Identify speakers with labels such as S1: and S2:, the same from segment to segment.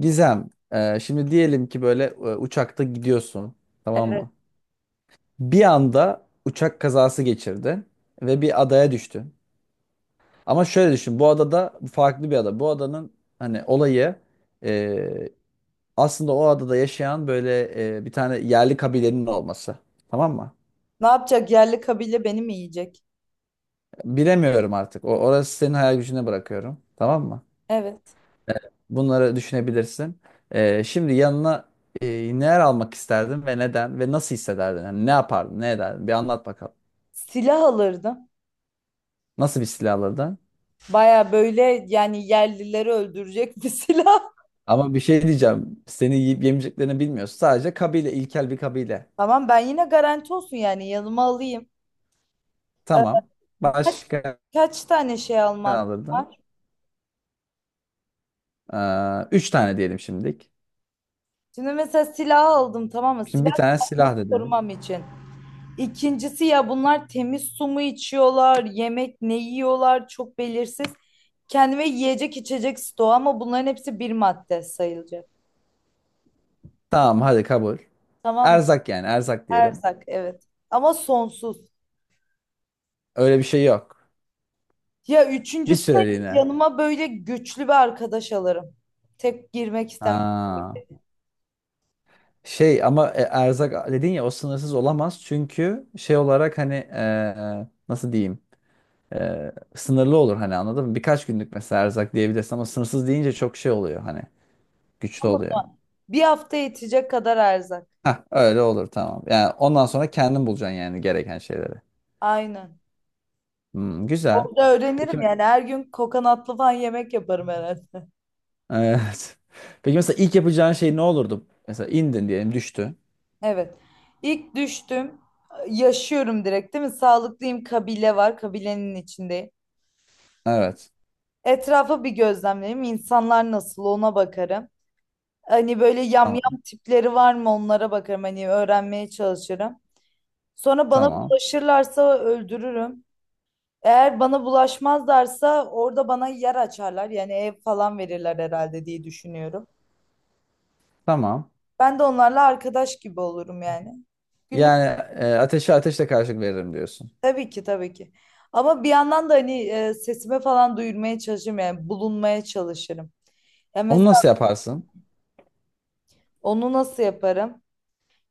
S1: Gizem, şimdi diyelim ki böyle uçakta gidiyorsun, tamam
S2: Evet.
S1: mı? Bir anda uçak kazası geçirdin ve bir adaya düştün. Ama şöyle düşün, bu adada farklı bir ada. Bu adanın hani olayı e, aslında o adada yaşayan böyle bir tane yerli kabilenin olması, tamam mı?
S2: Ne yapacak? Yerli kabile beni mi yiyecek?
S1: Bilemiyorum artık. Orası senin hayal gücüne bırakıyorum, tamam mı?
S2: Evet.
S1: Bunları düşünebilirsin. Şimdi yanına e, neler almak isterdin ve neden ve nasıl hissederdin? Yani ne yapardın, ne ederdin? Bir anlat bakalım.
S2: Silah alırdım.
S1: Nasıl bir silah alırdın?
S2: Baya böyle yani yerlileri öldürecek bir silah.
S1: Ama bir şey diyeceğim. Seni yiyip yemeyeceklerini bilmiyorsun. Sadece kabile, ilkel bir kabile.
S2: Tamam, ben yine garanti olsun yani yanıma alayım. Ee,
S1: Tamam.
S2: kaç,
S1: Başka
S2: kaç tane şey
S1: ne
S2: almak
S1: alırdın?
S2: var?
S1: Üç tane diyelim şimdilik.
S2: Şimdi mesela silah aldım, tamam mı?
S1: Şimdi
S2: Silah
S1: bir tane
S2: kendimi
S1: silah dedin.
S2: korumam için. İkincisi, ya bunlar temiz su mu içiyorlar, yemek ne yiyorlar, çok belirsiz. Kendime yiyecek içecek stoğu, ama bunların hepsi bir madde sayılacak.
S1: Tamam hadi kabul.
S2: Tamam.
S1: Erzak yani erzak diyelim.
S2: Erzak evet. Ama sonsuz.
S1: Öyle bir şey yok.
S2: Ya
S1: Bir
S2: üçüncüsü de
S1: süreliğine.
S2: yanıma böyle güçlü bir arkadaş alırım. Tek girmek istemem. Tabii
S1: Ha.
S2: ki.
S1: Şey ama erzak dedin ya o sınırsız olamaz çünkü şey olarak hani nasıl diyeyim sınırlı olur hani anladın mı? Birkaç günlük mesela erzak diyebilirsin ama sınırsız deyince çok şey oluyor hani güçlü
S2: Ama
S1: oluyor.
S2: da bir hafta yetecek kadar erzak.
S1: Hah öyle olur tamam. Yani ondan sonra kendin bulacaksın yani gereken şeyleri.
S2: Aynen.
S1: Hmm, güzel.
S2: Orada
S1: Peki
S2: öğrenirim
S1: me-
S2: yani, her gün kokonatlı falan yemek yaparım herhalde.
S1: evet. Peki mesela ilk yapacağın şey ne olurdu? Mesela indin diyelim düştü.
S2: Evet. İlk düştüm. Yaşıyorum direkt, değil mi? Sağlıklıyım, kabile var. Kabilenin içindeyim.
S1: Evet.
S2: Etrafa bir gözlemleyeyim. İnsanlar nasıl, ona bakarım. Hani böyle
S1: Tamam.
S2: yamyam tipleri var mı, onlara bakarım. Hani öğrenmeye çalışırım. Sonra bana
S1: Tamam.
S2: bulaşırlarsa öldürürüm. Eğer bana bulaşmazlarsa orada bana yer açarlar. Yani ev falan verirler herhalde diye düşünüyorum.
S1: Tamam.
S2: Ben de onlarla arkadaş gibi olurum yani. Günlük
S1: Yani ateşe ateşle karşılık veririm diyorsun.
S2: tabii ki tabii ki. Ama bir yandan da hani sesimi falan duyurmaya çalışırım yani bulunmaya çalışırım. Ya
S1: Onu
S2: mesela
S1: nasıl yaparsın?
S2: onu nasıl yaparım?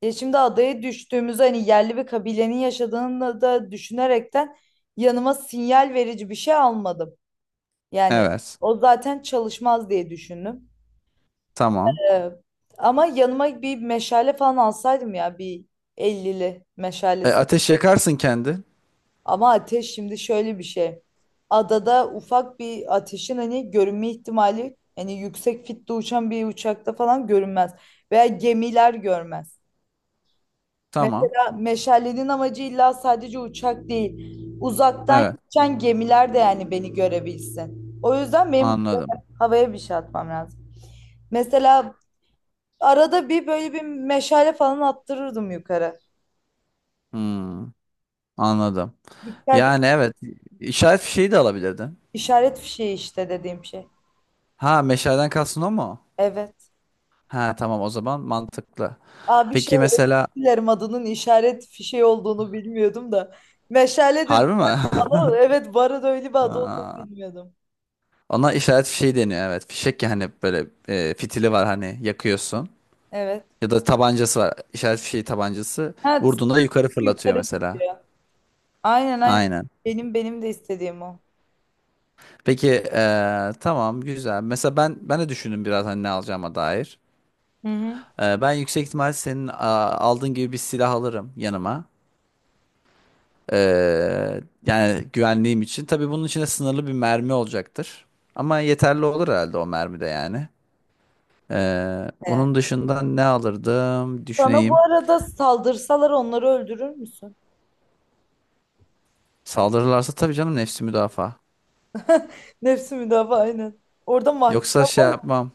S2: Ya şimdi adaya düştüğümüzde, hani yerli bir kabilenin yaşadığını da düşünerekten, yanıma sinyal verici bir şey almadım. Yani
S1: Evet.
S2: o zaten çalışmaz diye düşündüm.
S1: Tamam.
S2: Ee, ama yanıma bir meşale falan alsaydım, ya bir 50'li
S1: E,
S2: meşalesi.
S1: ateş yakarsın kendin.
S2: Ama ateş şimdi şöyle bir şey. Adada ufak bir ateşin hani görünme ihtimali, hani yüksek fitte uçan bir uçakta falan görünmez. Veya gemiler görmez.
S1: Tamam.
S2: Mesela meşalenin amacı illa sadece uçak değil. Uzaktan
S1: Evet.
S2: geçen gemiler de yani beni görebilsin. O yüzden benim
S1: Anladım.
S2: havaya bir şey atmam lazım. Mesela arada bir böyle bir meşale falan attırırdım yukarı.
S1: Hmm, anladım.
S2: Dikkat
S1: Yani evet. işaret fişeği de alabilirdin.
S2: işaret fişeği işte dediğim şey.
S1: Ha meşaleden kalsın o mu?
S2: Evet.
S1: Ha tamam o zaman mantıklı.
S2: Aa, bir şey
S1: Peki mesela
S2: dilerim, adının işaret fişeği olduğunu bilmiyordum da. Meşale dedim.
S1: harbi mi?
S2: Ama evet, bu arada öyle bir adı olduğunu
S1: Aa,
S2: bilmiyordum.
S1: ona işaret fişeği deniyor evet. Fişek yani böyle fitili var hani yakıyorsun.
S2: Evet.
S1: Ya da tabancası var. İşaret fişeği tabancası.
S2: Ha,
S1: Vurduğunda yukarı fırlatıyor
S2: yukarı
S1: mesela.
S2: gidiyor. Aynen aynen.
S1: Aynen.
S2: Benim de istediğim o.
S1: Peki tamam güzel. Mesela ben de düşündüm biraz hani ne alacağıma dair.
S2: Hı hı.
S1: Ben yüksek ihtimal senin aldığın gibi bir silah alırım yanıma. Eee, Yani güvenliğim için. Tabii bunun içinde sınırlı bir mermi olacaktır. Ama yeterli olur herhalde o mermi de yani.
S2: Yani.
S1: Onun dışında ne alırdım
S2: Sana bu
S1: düşüneyim.
S2: arada saldırsalar onları öldürür müsün?
S1: Saldırırlarsa tabii canım nefsi müdafaa.
S2: Nefsi müdafaa, aynen. Orada mahkeme
S1: Yoksa şey
S2: var.
S1: yapmam.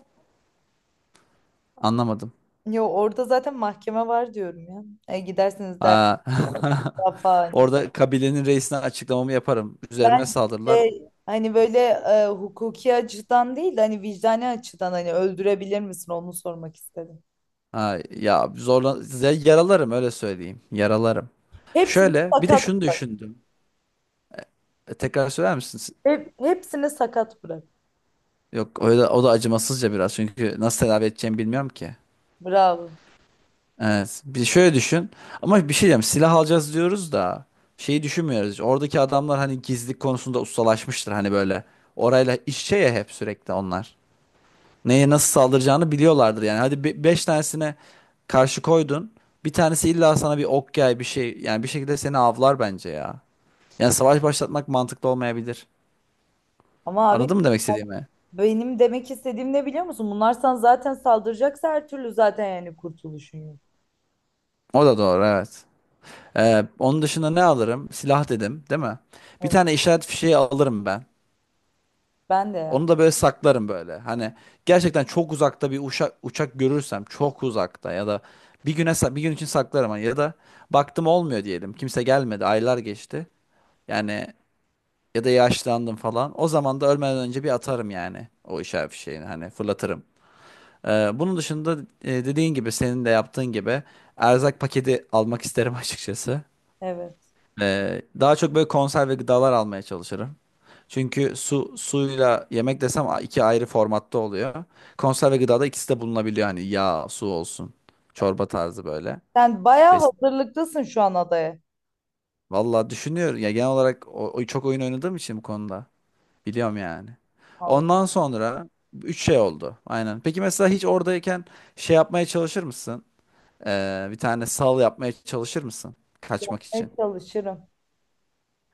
S1: Anlamadım.
S2: Yo, orada zaten mahkeme var diyorum ya. E, gidersiniz der
S1: Aa,
S2: falan.
S1: orada kabilenin reisine açıklamamı yaparım. Üzerime
S2: Ben
S1: saldırırlar.
S2: şey, hani böyle hukuki açıdan değil de hani vicdani açıdan hani öldürebilir misin, onu sormak istedim.
S1: Ha, ya zorlan size yaralarım öyle söyleyeyim. Yaralarım.
S2: Hepsini
S1: Şöyle bir de
S2: sakat
S1: şunu
S2: bırak.
S1: düşündüm. E, tekrar söyler misin?
S2: Hepsini sakat bırak.
S1: Yok o da acımasızca biraz çünkü nasıl tedavi edeceğimi bilmiyorum ki.
S2: Bravo.
S1: Evet. Bir şöyle düşün. Ama bir şey diyeceğim. Silah alacağız diyoruz da şeyi düşünmüyoruz hiç. Oradaki adamlar hani gizlilik konusunda ustalaşmıştır hani böyle. Orayla iç içe ya hep sürekli onlar. Neye nasıl saldıracağını biliyorlardır yani. Hadi beş tanesine karşı koydun. Bir tanesi illa sana bir ok yay bir şey yani bir şekilde seni avlar bence ya. Yani savaş başlatmak mantıklı olmayabilir.
S2: Ama abi,
S1: Anladın mı demek istediğimi?
S2: benim demek istediğim ne biliyor musun? Bunlar sana zaten saldıracaksa her türlü, zaten yani kurtuluşun yok.
S1: O da doğru evet. Onun dışında ne alırım? Silah dedim, değil mi? Bir
S2: Evet.
S1: tane işaret fişeği alırım ben.
S2: Ben de ya.
S1: Onu da böyle saklarım böyle. Hani gerçekten çok uzakta bir uçak görürsem çok uzakta ya da bir bir gün için saklarım hani ya da baktım olmuyor diyelim. Kimse gelmedi, aylar geçti. Yani ya da yaşlandım falan. O zaman da ölmeden önce bir atarım yani o işaret fişeğini hani fırlatırım. Bunun dışında dediğin gibi senin de yaptığın gibi erzak paketi almak isterim açıkçası.
S2: Evet.
S1: Daha çok böyle konserve gıdalar almaya çalışırım. Çünkü suyla yemek desem iki ayrı formatta oluyor. Konserve gıdada ikisi de bulunabiliyor hani yağ, su olsun. Çorba tarzı böyle.
S2: Sen bayağı
S1: Besin.
S2: hazırlıklısın şu an adaya.
S1: Vallahi düşünüyorum ya genel olarak çok oyun oynadığım için bu konuda biliyorum yani.
S2: Vallahi.
S1: Ondan sonra üç şey oldu. Aynen. Peki mesela hiç oradayken şey yapmaya çalışır mısın? Bir tane sal yapmaya çalışır mısın? Kaçmak için.
S2: Evet, çalışırım.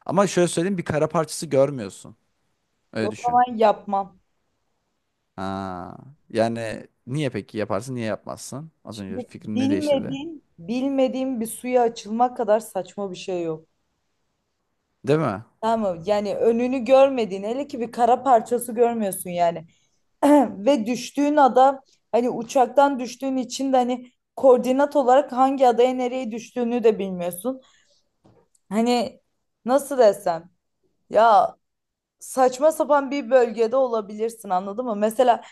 S1: Ama şöyle söyleyeyim bir kara parçası görmüyorsun. Öyle
S2: O
S1: düşün.
S2: zaman yapmam.
S1: Ha, yani niye peki yaparsın niye yapmazsın? Az önce
S2: Şimdi
S1: fikrini ne değiştirdi?
S2: bilmediğin bir suya açılmak kadar saçma bir şey yok.
S1: Değil mi?
S2: Tamam mı? Yani önünü görmediğin, hele ki bir kara parçası görmüyorsun yani. Ve düştüğün ada, hani uçaktan düştüğün için de hani koordinat olarak hangi adaya nereye düştüğünü de bilmiyorsun. Hani nasıl desem, ya saçma sapan bir bölgede olabilirsin, anladın mı? Mesela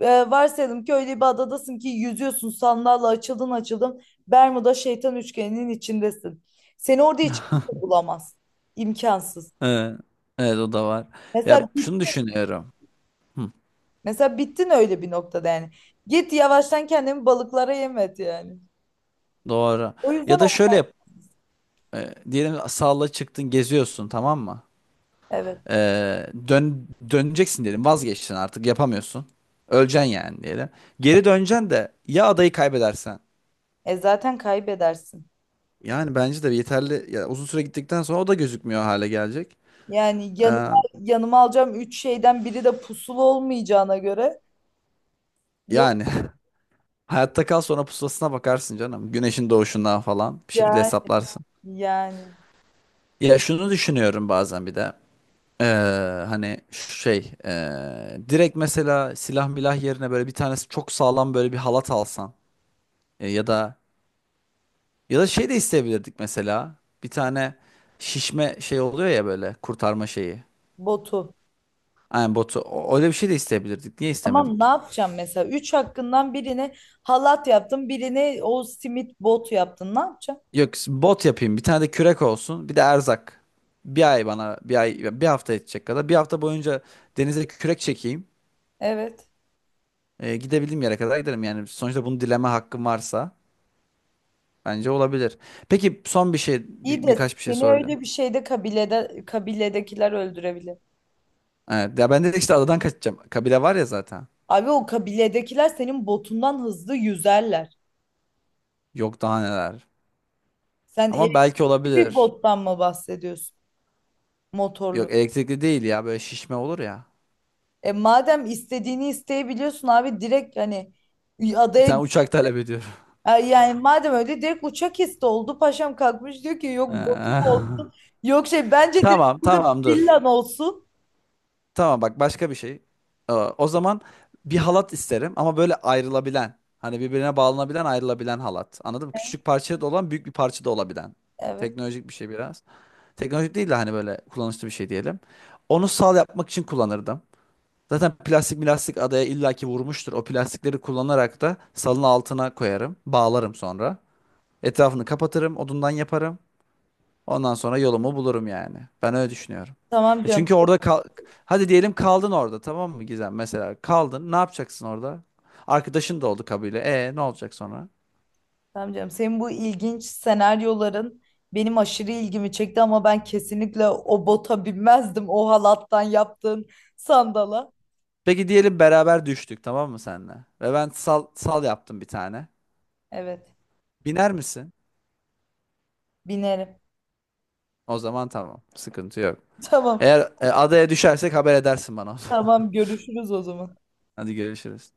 S2: varsayalım ki öyle bir adadasın ki yüzüyorsun, sandalla açıldın, Bermuda şeytan üçgeninin içindesin. Seni orada hiç kimse bulamaz. İmkansız.
S1: Evet, evet o da var.
S2: Mesela
S1: Ya şunu düşünüyorum. Hı,
S2: mesela bittin öyle bir noktada yani. Git yavaştan kendini balıklara yem et yani.
S1: doğru.
S2: O yüzden
S1: Ya da
S2: o-
S1: şöyle yap. Diyelim salla çıktın geziyorsun tamam mı?
S2: evet.
S1: Döneceksin diyelim vazgeçtin artık yapamıyorsun. Öleceksin yani diyelim. Geri döneceksin de ya adayı kaybedersen.
S2: E zaten kaybedersin.
S1: Yani bence de yeterli ya uzun süre gittikten sonra o da gözükmüyor hale gelecek.
S2: Yani
S1: Ee,
S2: yanıma alacağım üç şeyden biri de pusulu olmayacağına göre yok
S1: Yani hayatta kal sonra pusulasına bakarsın canım. Güneşin doğuşundan falan bir şekilde
S2: yani,
S1: hesaplarsın.
S2: yani
S1: Ya şunu düşünüyorum bazen bir de. Ee, Hani direkt mesela silah milah yerine böyle bir tanesi çok sağlam böyle bir halat alsan. E, ya da şey de isteyebilirdik mesela bir tane şişme şey oluyor ya böyle kurtarma şeyi.
S2: botu.
S1: Aynen botu. Öyle bir şey de isteyebilirdik. Niye
S2: Ama ne
S1: istemedik?
S2: yapacağım mesela? Üç hakkından birini halat yaptın, birini o simit bot yaptın. Ne yapacağım?
S1: Yok bot yapayım. Bir tane de kürek olsun. Bir de erzak. Bir ay bir hafta yetecek kadar. Bir hafta boyunca denize kürek çekeyim.
S2: Evet.
S1: Gidebildiğim yere kadar giderim. Yani sonuçta bunu dileme hakkım varsa bence olabilir. Peki son bir şey
S2: İyi de
S1: birkaç bir şey
S2: seni
S1: soracağım.
S2: öyle bir şeyde kabilede, kabiledekiler öldürebilir.
S1: Evet, ya ben de işte adadan kaçacağım. Kabile var ya zaten.
S2: Abi, o kabiledekiler senin botundan hızlı yüzerler.
S1: Yok daha neler.
S2: Sen
S1: Ama belki
S2: elektrikli bir
S1: olabilir.
S2: bottan mı bahsediyorsun? Motorlu.
S1: Yok elektrikli değil ya böyle şişme olur ya.
S2: E madem istediğini isteyebiliyorsun abi, direkt hani
S1: Bir tane
S2: adaya.
S1: uçak talep ediyorum.
S2: Ay, yani madem öyle direkt uçak isti oldu. Paşam kalkmış diyor ki yok botum
S1: Ee,
S2: olsun. Yok şey, bence direkt
S1: tamam
S2: burada
S1: tamam
S2: bir
S1: dur.
S2: villan olsun.
S1: Tamam bak başka bir şey. O zaman bir halat isterim ama böyle ayrılabilen. Hani birbirine bağlanabilen ayrılabilen halat. Anladın mı? Küçük parça da olan büyük bir parça da olabilen.
S2: Evet.
S1: Teknolojik bir şey biraz. Teknolojik değil de hani böyle kullanışlı bir şey diyelim. Onu sal yapmak için kullanırdım. Zaten plastik milastik adaya illaki vurmuştur. O plastikleri kullanarak da salın altına koyarım. Bağlarım sonra. Etrafını kapatırım. Odundan yaparım. Ondan sonra yolumu bulurum yani. Ben öyle düşünüyorum.
S2: Tamam
S1: Ya
S2: canım.
S1: çünkü orada kal hadi diyelim kaldın orada tamam mı Gizem? Mesela kaldın ne yapacaksın orada? Arkadaşın da oldu kabile. E ne olacak sonra?
S2: Tamam canım. Senin bu ilginç senaryoların benim aşırı ilgimi çekti ama ben kesinlikle o bota binmezdim. O halattan yaptığın sandala.
S1: Peki diyelim beraber düştük tamam mı senle? Ve ben sal yaptım bir tane.
S2: Evet.
S1: Biner misin?
S2: Binerim.
S1: O zaman tamam. Sıkıntı yok.
S2: Tamam.
S1: Eğer adaya düşersek haber edersin bana o zaman.
S2: Tamam, görüşürüz o zaman.
S1: Hadi görüşürüz.